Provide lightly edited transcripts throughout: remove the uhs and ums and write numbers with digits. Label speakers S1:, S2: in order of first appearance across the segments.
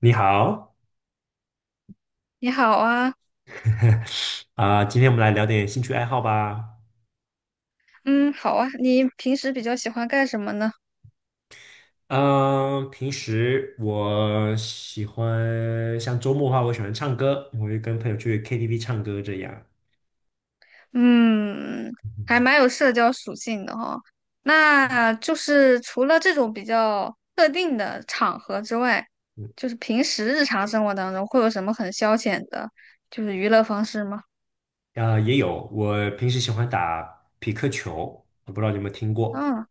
S1: 你好，
S2: 你好啊，
S1: 今天我们来聊点兴趣爱好吧。
S2: 嗯，好啊，你平时比较喜欢干什么呢？
S1: 嗯，平时我喜欢，像周末的话，我喜欢唱歌，我会跟朋友去 KTV 唱歌这样。
S2: 嗯，还
S1: 嗯
S2: 蛮有社交属性的哈、那就是除了这种比较特定的场合之外，
S1: 嗯，
S2: 就是平时日常生活当中会有什么很消遣的，就是娱乐方式吗？
S1: 也有，我平时喜欢打匹克球，我不知道你有没有听过。
S2: 嗯，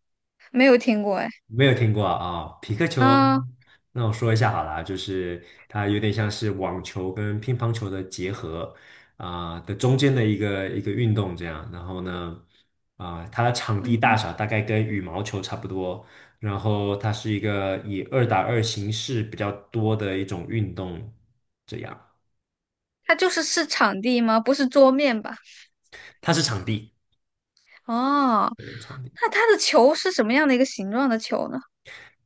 S2: 没有听过哎。
S1: 没有听过啊，匹克球。
S2: 啊，
S1: 那我说一下好了啊，就是它有点像是网球跟乒乓球的结合，的中间的一个运动这样。然后呢，它的场地大
S2: 嗯，
S1: 小大概跟羽毛球差不多，然后它是一个以二打二形式比较多的一种运动，这样。
S2: 它就是是场地吗？不是桌面吧？
S1: 它是场地，
S2: 哦，
S1: 对，场地。
S2: 那它的球是什么样的一个形状的球呢？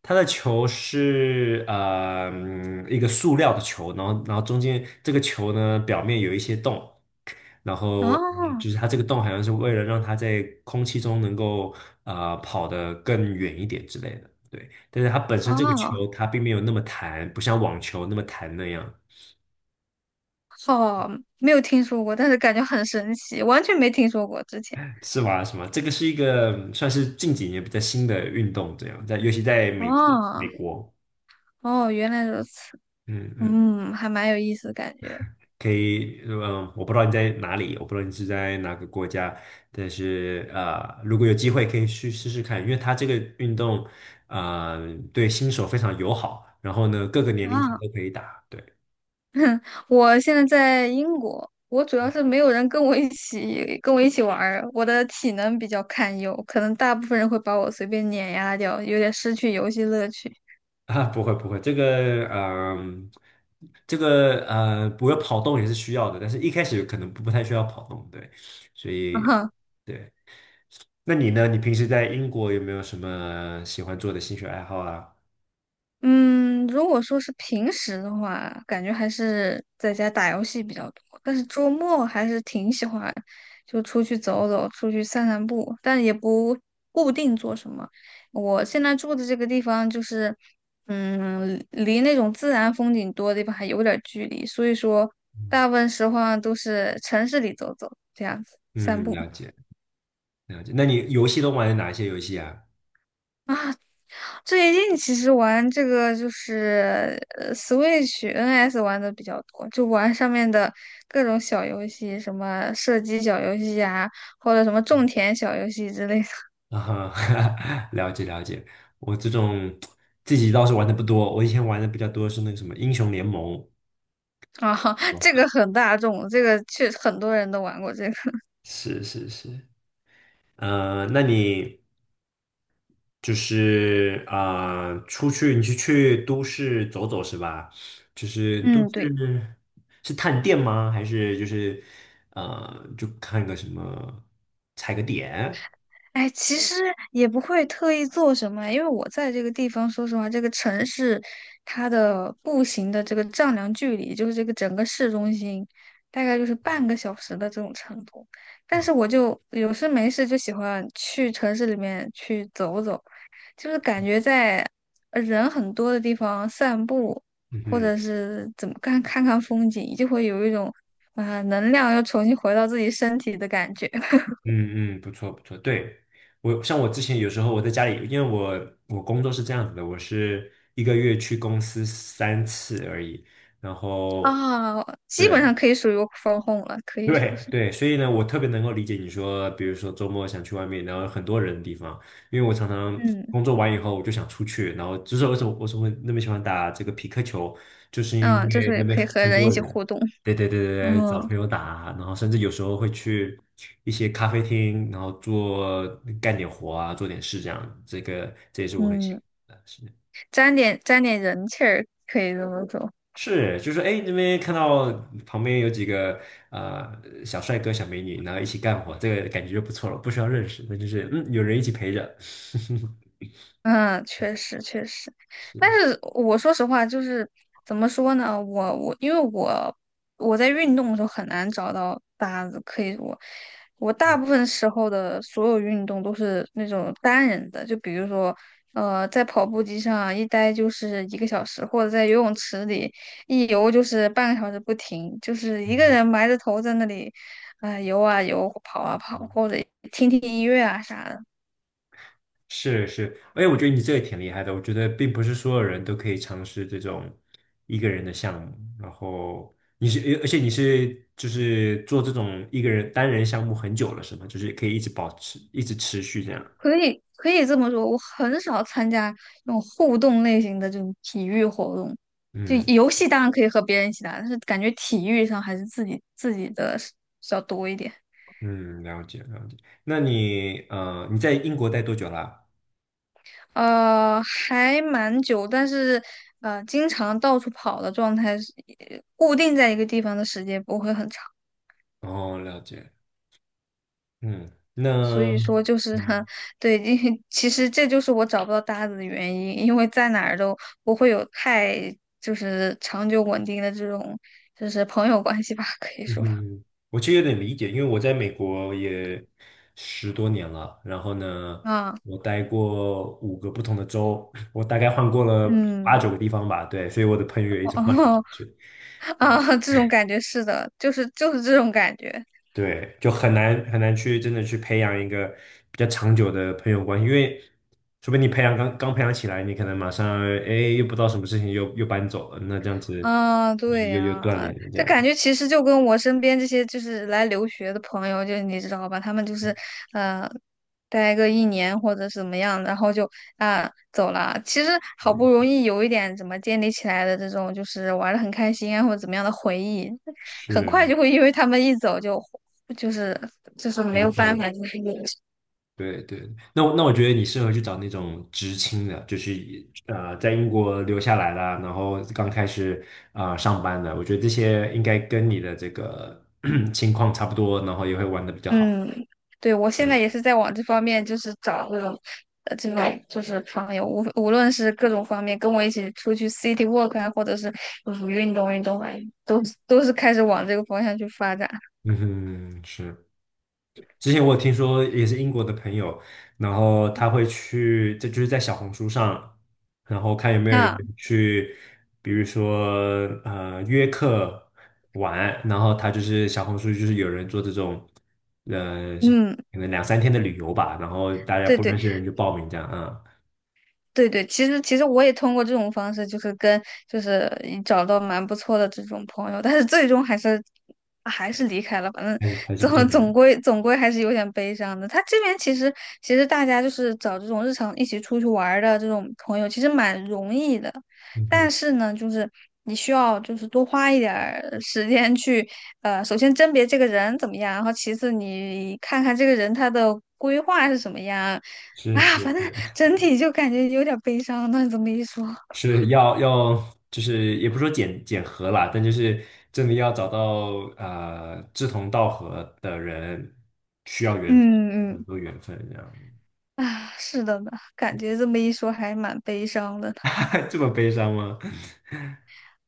S1: 它的球是一个塑料的球，然后中间这个球呢表面有一些洞，嗯，
S2: 哦
S1: 就是它这个洞好像是为了让它在空气中能够跑得更远一点之类的，对。但是它本身这个
S2: 哦
S1: 球它并没有那么弹，不像网球那么弹那样，
S2: 好，没有听说过，但是感觉很神奇，完全没听说过之前。
S1: 是吧？什么？这个是一个嗯算是近几年比较新的运动，这样在尤其在美洲、美
S2: 哦
S1: 国，
S2: 哦，原来如此，
S1: 嗯嗯。
S2: 嗯，还蛮有意思的感觉
S1: 可以，嗯，我不知道你在哪里，我不知道你是在哪个国家，但是啊，如果有机会可以去试试看，因为它这个运动，对新手非常友好，然后呢，各个年龄层
S2: 啊。
S1: 都可以打，对
S2: 我现在在英国，我主要是没有人跟我一起玩儿，我的体能比较堪忧，可能大部分人会把我随便碾压掉，有点失去游戏乐趣。
S1: 啊，不会不会，这个这个不会跑动也是需要的，但是一开始可能不太需要跑动，对，所以 对，那你呢？你平时在英国有没有什么喜欢做的兴趣爱好啊？
S2: 嗯，如果说是平时的话，感觉还是在家打游戏比较多，但是周末还是挺喜欢就出去走走，出去散散步，但也不固定做什么。我现在住的这个地方就是，嗯，离那种自然风景多的地方还有点儿距离，所以说
S1: 嗯，
S2: 大部分时候啊都是城市里走走，这样子散
S1: 嗯了
S2: 步。
S1: 解。了解，那你游戏都玩哪些游戏啊？
S2: 最近其实玩这个就是Switch、NS 玩的比较多，就玩上面的各种小游戏，什么射击小游戏啊，或者什么种田小游戏之类的
S1: 啊哈，了解了解。我这种自己倒是玩的不多，我以前玩的比较多是那个什么英雄联盟。
S2: 啊，这个很大众，这个确实很多人都玩过这个。
S1: 是是是，那你出去你是去都市走走是吧？就是都
S2: 嗯，对。
S1: 市是探店吗？还是就看个什么踩个点？
S2: 哎，其实也不会特意做什么，因为我在这个地方，说实话，这个城市它的步行的这个丈量距离，就是这个整个市中心，大概就是半个小时的这种程度。但是我就有事没事就喜欢去城市里面去走走，就是感觉在人很多的地方散步，
S1: 嗯
S2: 或
S1: 哼。
S2: 者是怎么看看风景，就会有一种能量又重新回到自己身体的感觉。
S1: 嗯嗯，不错不错，对，我像我之前有时候我在家里，因为我工作是这样子的，我是一个月去公司三次而已，然后
S2: 啊，基本
S1: 对，
S2: 上可以属于 w o 了，可 以说
S1: 对
S2: 是，
S1: 对，所以呢，我特别能够理解你说，比如说周末想去外面，然后很多人的地方，因为我常常
S2: 嗯
S1: 工作完以后我就想出去，然后就是为什么那么喜欢打这个匹克球，就是因
S2: 嗯，就
S1: 为那
S2: 是
S1: 边
S2: 可以和
S1: 很
S2: 人
S1: 多
S2: 一起
S1: 人，
S2: 互动，
S1: 对对对对对，找
S2: 嗯
S1: 朋友打，然后甚至有时候会去一些咖啡厅，然后做干点活啊，做点事这样，这个这也是我很喜
S2: 嗯，
S1: 欢的，事情。
S2: 沾点沾点人气儿，可以这么说。
S1: 是，就是哎，那边看到旁边有几个小帅哥、小美女，然后一起干活，这个感觉就不错了，不需要认识，那就是嗯，有人一起陪着。
S2: 嗯，确实确实，但
S1: 是
S2: 是我说实话，就是怎么说呢？我因为我在运动的时候很难找到搭子，可以我大部分时候的所有运动都是那种单人的，就比如说在跑步机上一待就是一个小时，或者在游泳池里一游就是半个小时不停，就是一个
S1: 嗯
S2: 人埋着头在那里游啊游，跑啊跑，
S1: 嗯
S2: 或者听听音乐啊啥的。
S1: 是是，哎，我觉得你这个挺厉害的。我觉得并不是所有人都可以尝试这种一个人的项目。然后你是，而且你是就是做这种一个人单人项目很久了，是吗？就是可以一直保持，一直持续这样。
S2: 可以可以这么说，我很少参加那种互动类型的这种体育活动。就
S1: 嗯
S2: 游戏当然可以和别人一起打，但是感觉体育上还是自己的是比较多一点。
S1: 嗯，了解了解。那你你在英国待多久啦？
S2: 还蛮久，但是经常到处跑的状态是，固定在一个地方的时间不会很长。
S1: 哦，了解。嗯，
S2: 所
S1: 那
S2: 以说就是哈
S1: 嗯
S2: 对，因为其实这就是我找不到搭子的原因，因为在哪儿都不会有太就是长久稳定的这种就是朋友关系吧，可以
S1: 嗯
S2: 说
S1: 哼，我其实有点理解，因为我在美国也十多年了。然后呢，
S2: 啊，
S1: 我待过五个不同的州，我大概换过了八
S2: 嗯，
S1: 九个地方吧。对，所以我的朋友也一直换来换
S2: 哦
S1: 去。
S2: 啊，这种感觉是的，就是这种感觉。
S1: 对，就很难去真的去培养一个比较长久的朋友关系，因为除非你培养培养起来，你可能马上哎又不知道什么事情又搬走了，那这样子
S2: 啊，
S1: 就是
S2: 对
S1: 又断
S2: 呀，
S1: 联了这
S2: 这
S1: 样，
S2: 感觉其实就跟我身边这些就是来留学的朋友，就你知道吧，他们就是呃，待个一年或者是怎么样，然后就走了。其实好不
S1: 嗯，
S2: 容易有一点怎么建立起来的这种，就是玩的很开心啊或者怎么样的回忆，很快
S1: 是
S2: 就会因为他们一走就就是就是没
S1: 离
S2: 有
S1: 婚了。
S2: 办法，就是
S1: 对对。那我觉得你适合去找那种知青的，就是在英国留下来啦，然后刚开始上班的，我觉得这些应该跟你的这个 情况差不多，然后也会玩的比较好。
S2: 嗯，对，我现在也是在往这方面，就是找这种，这种就是朋友，无论是各种方面，跟我一起出去 city walk 啊，或者是就是运动运动啊，都是开始往这个方向去发展。
S1: 嗯哼，是。之前我有听说也是英国的朋友，然后他会去，这就是在小红书上，然后看有没有人
S2: 那
S1: 嗯去，比如说约客玩，然后他就是小红书就是有人做这种，呃
S2: 嗯，
S1: 可能两三天的旅游吧，然后大家
S2: 对
S1: 不认
S2: 对。
S1: 识的人就报名这样啊，
S2: 对对，其实我也通过这种方式，就是跟就是嗯找到蛮不错的这种朋友，但是最终还是离开了。反正
S1: 还是不见
S2: 总
S1: 得的，
S2: 总归总归还是有点悲伤的。他这边其实大家就是找这种日常一起出去玩儿的这种朋友，其实蛮容易的。
S1: 嗯
S2: 但
S1: 哼，
S2: 是呢，就是你需要就是多花一点儿时间去首先甄别这个人怎么样，然后其次你看看这个人他的规划是什么样。
S1: 是
S2: 啊，
S1: 是，
S2: 反正整体就感觉有点悲伤。那你这么一说，
S1: 要，就是也不说检核啦，但就是真的要找到志同道合的人，需要缘
S2: 嗯
S1: 很
S2: 嗯
S1: 多缘分这样，
S2: 啊，是的呢，感觉这么一说还蛮悲伤的呢。
S1: 这么悲伤吗？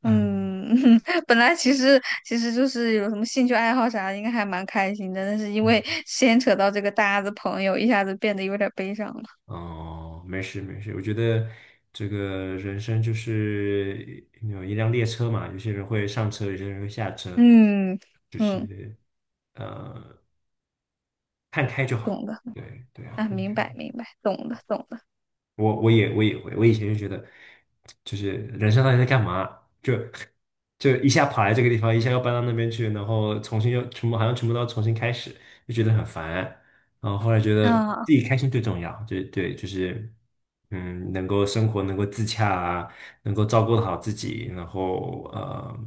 S1: 嗯，
S2: 嗯，本来其实就是有什么兴趣爱好啥的，应该还蛮开心的，但是因为牵扯到这个搭子朋友，一下子变得有点悲伤了。
S1: 哦，没事没事，我觉得这个人生就是有一辆列车嘛，有些人会上车，有些人会下车，
S2: 嗯
S1: 就
S2: 嗯，
S1: 是呃看开就好，
S2: 懂的
S1: 对对啊。
S2: 啊，
S1: 看
S2: 明
S1: 开
S2: 白明白，懂的懂的
S1: 也也会，我以前就觉得，就是人生到底在干嘛？就就一下跑来这个地方，一下又搬到那边去，然后重新又全部好像全部都要重新开始，就觉得很烦。然后后来觉得自
S2: 啊，
S1: 己开心最重要，就对，就是嗯，能够生活能够自洽啊，能够照顾好自己，然后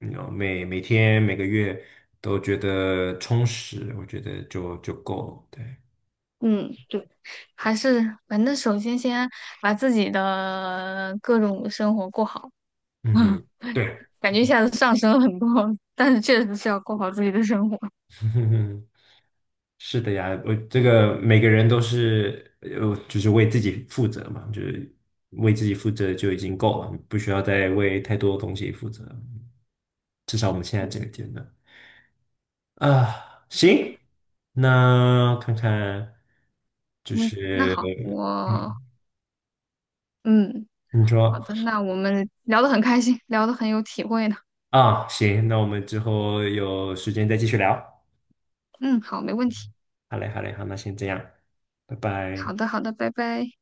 S1: 嗯每天每个月都觉得充实，我觉得就够了。对，
S2: 嗯，对，还是反正首先先把自己的各种生活过好。
S1: 嗯哼，对。
S2: 感觉一下子上升了很多，但是确实是要过好自己的生活。
S1: 是的呀，我这个每个人都是就是为自己负责嘛，就是为自己负责就已经够了，不需要再为太多东西负责。至少我们现在这个阶
S2: 嗯，
S1: 段啊，
S2: 是的，
S1: 行，那看看就
S2: 嗯，那
S1: 是
S2: 好，我
S1: 嗯，
S2: 嗯，
S1: 你
S2: 好
S1: 说
S2: 的，那我们聊得很开心，聊得很有体会呢。
S1: 啊，行，那我们之后有时间再继续聊。
S2: 嗯，好，没问题。
S1: 好嘞，好嘞，好，那先这样，拜
S2: 好
S1: 拜。
S2: 的，好的，拜拜。